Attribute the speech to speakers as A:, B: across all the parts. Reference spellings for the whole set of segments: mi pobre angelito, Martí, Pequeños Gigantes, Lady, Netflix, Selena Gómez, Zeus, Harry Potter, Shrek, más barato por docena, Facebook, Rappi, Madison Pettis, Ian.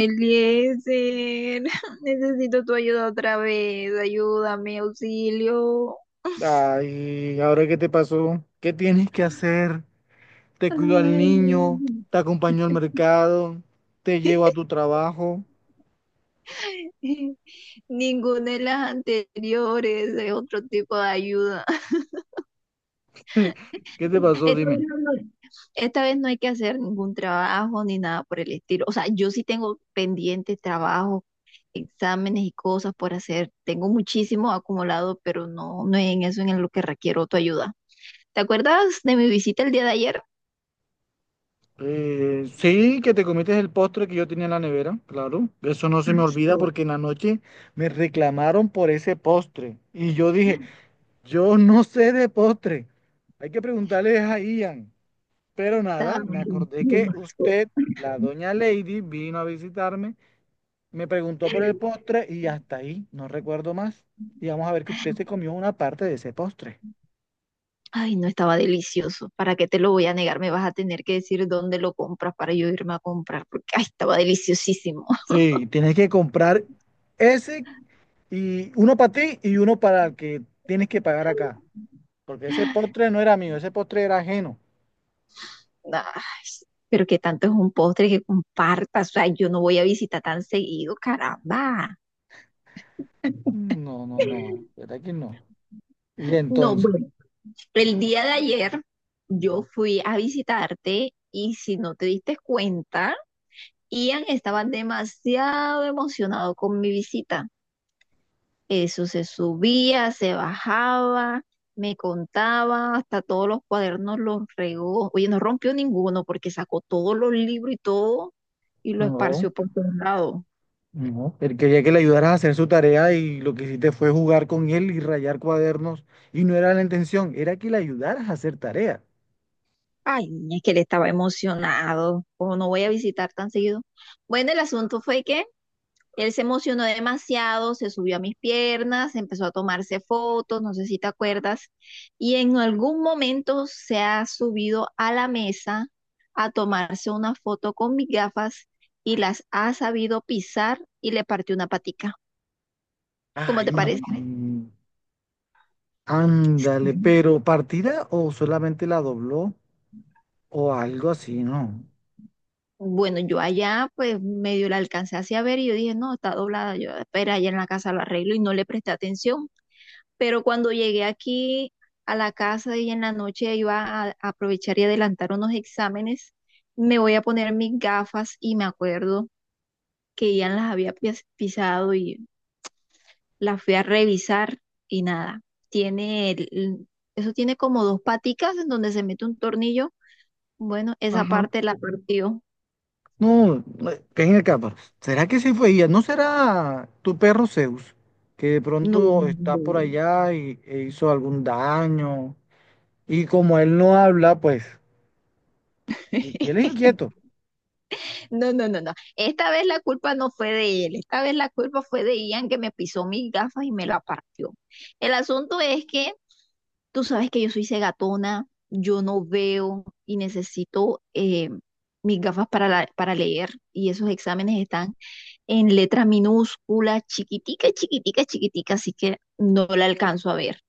A: Eliezer, necesito tu ayuda otra vez, ayúdame, auxilio.
B: Ay, ¿ahora qué te pasó? ¿Qué tienes que hacer? Te cuido al
A: Ay,
B: niño, te acompaño al mercado, te llevo a tu trabajo.
A: ninguna de las anteriores, es otro tipo de ayuda.
B: ¿Qué te pasó?
A: Esta vez
B: Dime.
A: no, no, esta vez no hay que hacer ningún trabajo ni nada por el estilo. O sea, yo sí tengo pendientes trabajos, exámenes y cosas por hacer. Tengo muchísimo acumulado, pero no, no es en eso en lo que requiero tu ayuda. ¿Te acuerdas de mi visita el día de ayer?
B: Sí, que te comiste el postre que yo tenía en la nevera, claro. Eso no se me olvida porque en la noche me reclamaron por ese postre. Y yo dije, yo no sé de postre. Hay que preguntarle a Ian. Pero
A: Estaba
B: nada, me acordé que
A: delicioso.
B: usted, la doña Lady, vino a visitarme. Me preguntó por el postre y hasta ahí, no recuerdo más. Y vamos a ver que usted se comió una parte de ese postre.
A: Ay, no, estaba delicioso. ¿Para qué te lo voy a negar? Me vas a tener que decir dónde lo compras para yo irme a comprar, porque ay, estaba deliciosísimo.
B: Sí, tienes que comprar ese y uno para ti y uno para el que tienes que pagar acá. Porque ese postre no era mío, ese postre era ajeno.
A: Ay, pero que tanto es un postre que compartas. O sea, yo no voy a visitar tan seguido, caramba.
B: No, no, no, ¿verdad que no? Y
A: No,
B: entonces,
A: bueno, el día de ayer yo fui a visitarte y si no te diste cuenta, Ian estaba demasiado emocionado con mi visita. Eso se subía, se bajaba, me contaba, hasta todos los cuadernos los regó. Oye, no rompió ninguno, porque sacó todos los libros y todo y lo
B: no,
A: esparció por todos lados.
B: no. Él quería que le ayudaras a hacer su tarea y lo que hiciste fue jugar con él y rayar cuadernos. Y no era la intención, era que le ayudaras a hacer tarea.
A: Ay, es que él estaba emocionado. ¿Cómo no voy a visitar tan seguido? Bueno, el asunto fue que él se emocionó demasiado, se subió a mis piernas, empezó a tomarse fotos, no sé si te acuerdas, y en algún momento se ha subido a la mesa a tomarse una foto con mis gafas y las ha sabido pisar y le partió una patica. ¿Cómo
B: Ay,
A: te parece?
B: ándale, pero ¿partida o solamente la dobló o algo así? No.
A: Bueno, yo allá pues medio la alcancé hacia ver y yo dije, no, está doblada, yo espera, allá en la casa lo arreglo, y no le presté atención. Pero cuando llegué aquí a la casa y en la noche iba a, aprovechar y adelantar unos exámenes, me voy a poner mis gafas y me acuerdo que ya las había pisado y las fui a revisar y nada, tiene el- eso tiene como dos paticas en donde se mete un tornillo. Bueno, esa
B: Ajá.
A: parte la partió.
B: No, ven acá, pero ¿será que sí fue ella? ¿No será tu perro Zeus, que de
A: No.
B: pronto está por allá y, e hizo algún daño? Y como él no habla, pues, y él es inquieto.
A: No, no, no, no. Esta vez la culpa no fue de él. Esta vez la culpa fue de Ian, que me pisó mis gafas y me la partió. El asunto es que tú sabes que yo soy cegatona, yo no veo y necesito mis gafas para, para leer. Y esos exámenes están en letra minúscula, chiquitica, chiquitica, chiquitica, así que no la alcanzo a ver.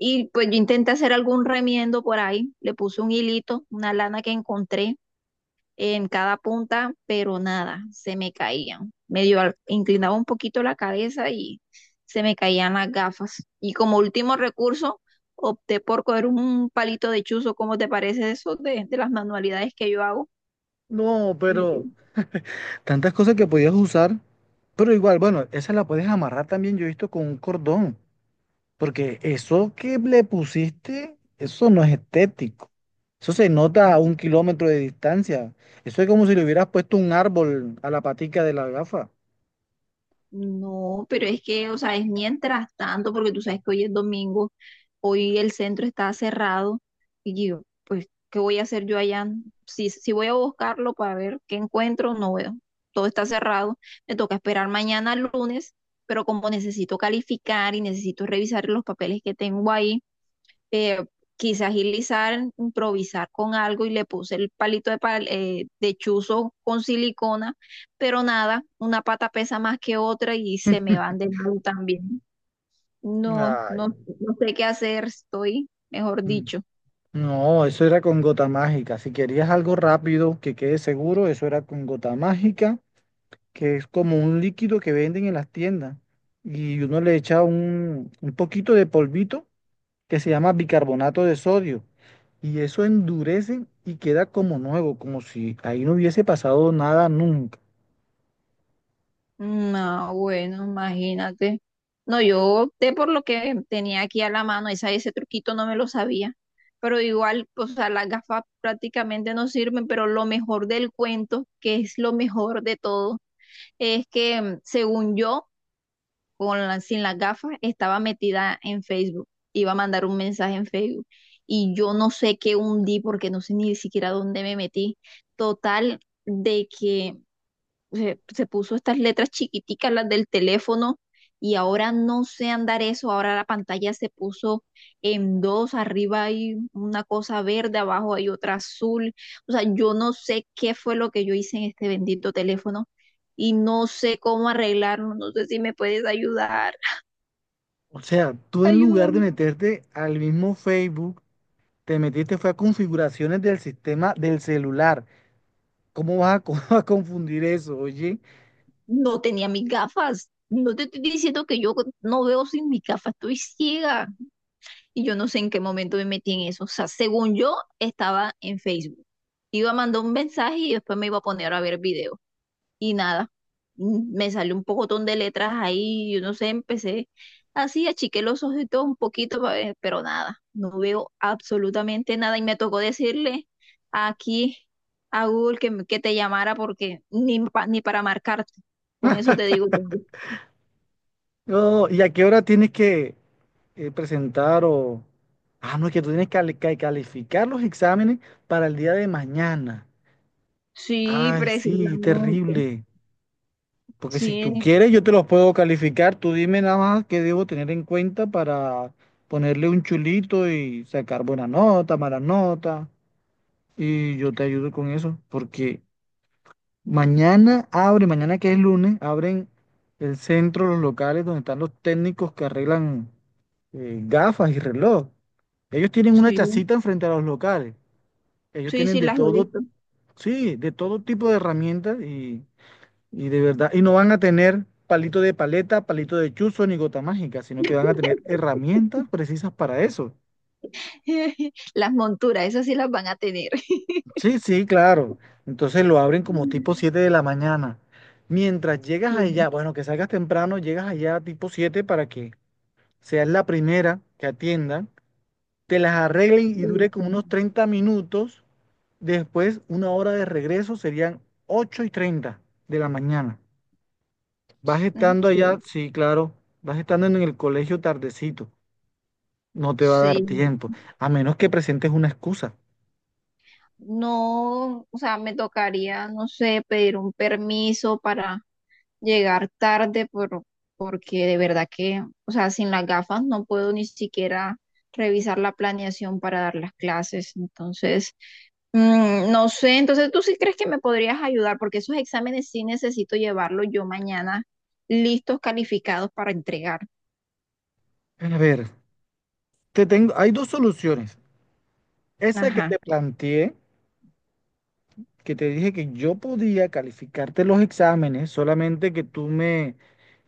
A: Y pues yo intenté hacer algún remiendo por ahí, le puse un hilito, una lana que encontré en cada punta, pero nada, se me caían. Medio inclinaba un poquito la cabeza y se me caían las gafas. Y como último recurso, opté por coger un palito de chuzo. ¿Cómo te parece eso de las manualidades que yo hago?
B: No,
A: Me quedé.
B: pero tantas cosas que podías usar, pero igual, bueno, esa la puedes amarrar también, yo he visto con un cordón. Porque eso que le pusiste, eso no es estético. Eso se nota a un kilómetro de distancia. Eso es como si le hubieras puesto un árbol a la patica de la gafa.
A: No, pero es que, o sea, es mientras tanto, porque tú sabes que hoy es domingo. Hoy el centro está cerrado y yo, pues, ¿qué voy a hacer yo allá? Si, si voy a buscarlo para ver qué encuentro, no veo. Todo está cerrado. Me toca esperar mañana lunes, pero como necesito calificar y necesito revisar los papeles que tengo ahí, eh, quise agilizar, improvisar con algo y le puse el palito de, de chuzo con silicona, pero nada, una pata pesa más que otra y se me van de lado también. No, no,
B: Ay,
A: no sé qué hacer, estoy, mejor
B: mm.
A: dicho.
B: No, eso era con gota mágica. Si querías algo rápido que quede seguro, eso era con gota mágica, que es como un líquido que venden en las tiendas. Y uno le echa un poquito de polvito que se llama bicarbonato de sodio. Y eso endurece y queda como nuevo, como si ahí no hubiese pasado nada nunca.
A: No, bueno, imagínate. No, yo opté por lo que tenía aquí a la mano, esa, ese truquito no me lo sabía. Pero igual, o sea, las gafas prácticamente no sirven, pero lo mejor del cuento, que es lo mejor de todo, es que según yo, con sin las gafas, estaba metida en Facebook, iba a mandar un mensaje en Facebook y yo no sé qué hundí, porque no sé ni siquiera dónde me metí. Total, de que se puso estas letras chiquiticas, las del teléfono, y ahora no sé andar eso, ahora la pantalla se puso en dos, arriba hay una cosa verde, abajo hay otra azul. O sea, yo no sé qué fue lo que yo hice en este bendito teléfono y no sé cómo arreglarlo, no sé si me puedes ayudar.
B: O sea, tú en lugar de
A: Ayúdame.
B: meterte al mismo Facebook, te metiste fue a configuraciones del sistema del celular. ¿Cómo vas a, a confundir eso, oye?
A: No tenía mis gafas. No te estoy diciendo que yo no veo sin mis gafas, estoy ciega. Y yo no sé en qué momento me metí en eso. O sea, según yo, estaba en Facebook. Iba a mandar un mensaje y después me iba a poner a ver videos. Y nada. Me salió un pocotón de letras ahí, yo no sé, empecé así, achiqué los ojos y todo un poquito, pa ver, pero nada, no veo absolutamente nada y me tocó decirle aquí a Google que, que te llamara, porque ni, ni para marcarte, con eso te digo todo.
B: No, ¿y a qué hora tienes que presentar o... Ah, no, es que tú tienes que que calificar los exámenes para el día de mañana.
A: Sí,
B: Ay, sí,
A: precisamente,
B: terrible. Porque si
A: sí,
B: tú quieres, yo te los puedo calificar. Tú dime nada más qué debo tener en cuenta para ponerle un chulito y sacar buena nota, mala nota. Y yo te ayudo con eso. Porque mañana abre, mañana que es lunes, abren el centro, los locales donde están los técnicos que arreglan gafas y reloj. Ellos tienen una
A: sí,
B: chacita enfrente a los locales. Ellos
A: sí,
B: tienen
A: sí,
B: de
A: las he
B: todo,
A: visto.
B: sí, de todo tipo de herramientas. Y de verdad, y no van a tener palito de paleta, palito de chuzo ni gota mágica, sino que van a tener herramientas precisas para eso.
A: Las monturas, esas sí las van a tener.
B: Sí, sí, claro. Entonces lo abren como tipo 7 de la mañana. Mientras llegas
A: Sí,
B: allá, bueno, que salgas temprano, llegas allá tipo 7 para que seas la primera que atiendan, te las arreglen y
A: puede
B: dure como
A: ser.
B: unos 30 minutos. Después, una hora de regreso serían 8:30 de la mañana. Vas
A: Ah,
B: estando
A: sí,
B: allá, sí, claro, vas estando en el colegio tardecito. No te va a
A: sí.
B: dar tiempo, a menos que presentes una excusa.
A: No, o sea, me tocaría, no sé, pedir un permiso para llegar tarde por, porque de verdad que, o sea, sin las gafas no puedo ni siquiera revisar la planeación para dar las clases. Entonces, no sé, entonces tú sí crees que me podrías ayudar, porque esos exámenes sí necesito llevarlos yo mañana listos, calificados para entregar.
B: A ver, te tengo, hay dos soluciones. Esa que
A: Ajá,
B: te planteé, que te dije que yo podía calificarte los exámenes, solamente que tú me,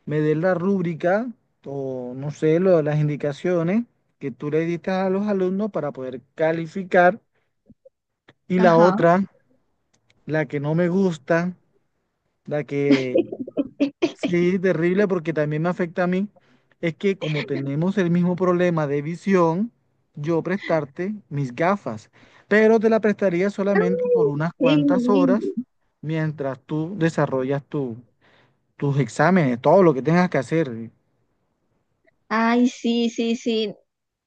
B: me des la rúbrica o no sé, lo las indicaciones que tú le diste a los alumnos para poder calificar. Y la
A: ajá.
B: otra, la que no me gusta, la que... Sí, terrible porque también me afecta a mí. Es que como tenemos el mismo problema de visión, yo prestarte mis gafas, pero te la prestaría
A: Ay,
B: solamente por unas
A: sí,
B: cuantas horas mientras tú desarrollas tus exámenes, todo lo que tengas que hacer.
A: ay, sí, sí, sí.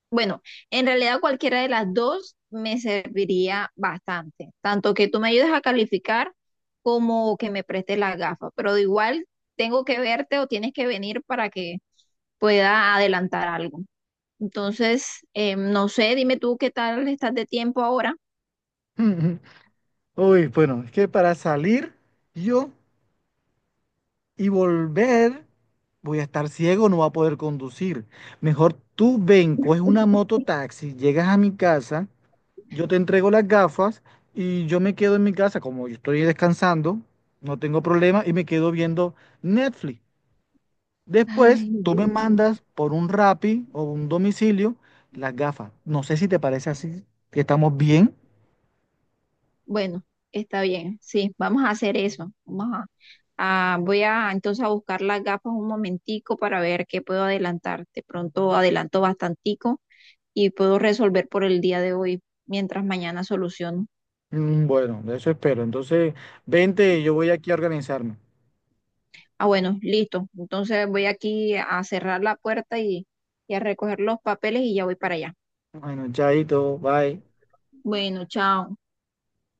A: Bueno, en realidad cualquiera de las dos me serviría bastante, tanto que tú me ayudes a calificar como que me prestes las gafas, pero de igual tengo que verte o tienes que venir para que pueda adelantar algo. Entonces, no sé, dime tú qué tal estás de tiempo ahora.
B: Uy, bueno, es que para salir yo y volver voy a estar ciego, no voy a poder conducir. Mejor tú ven, coges una mototaxi, llegas a mi casa. Yo te entrego las gafas y yo me quedo en mi casa, como yo estoy descansando, no tengo problema y me quedo viendo Netflix.
A: Ay,
B: Después, tú
A: Dios
B: me
A: mío.
B: mandas por un Rappi o un domicilio las gafas. No sé si te parece así, que estamos bien.
A: Bueno, está bien, sí, vamos a hacer eso. Vamos a, voy a entonces a buscar las gafas un momentico para ver qué puedo adelantar. De pronto adelanto bastante y puedo resolver por el día de hoy mientras mañana soluciono.
B: Mm, bueno, de eso espero. Entonces, vente, yo voy aquí a organizarme.
A: Ah, bueno, listo. Entonces voy aquí a cerrar la puerta y a recoger los papeles y ya voy para allá.
B: Bueno, chaito, bye.
A: Bueno, chao.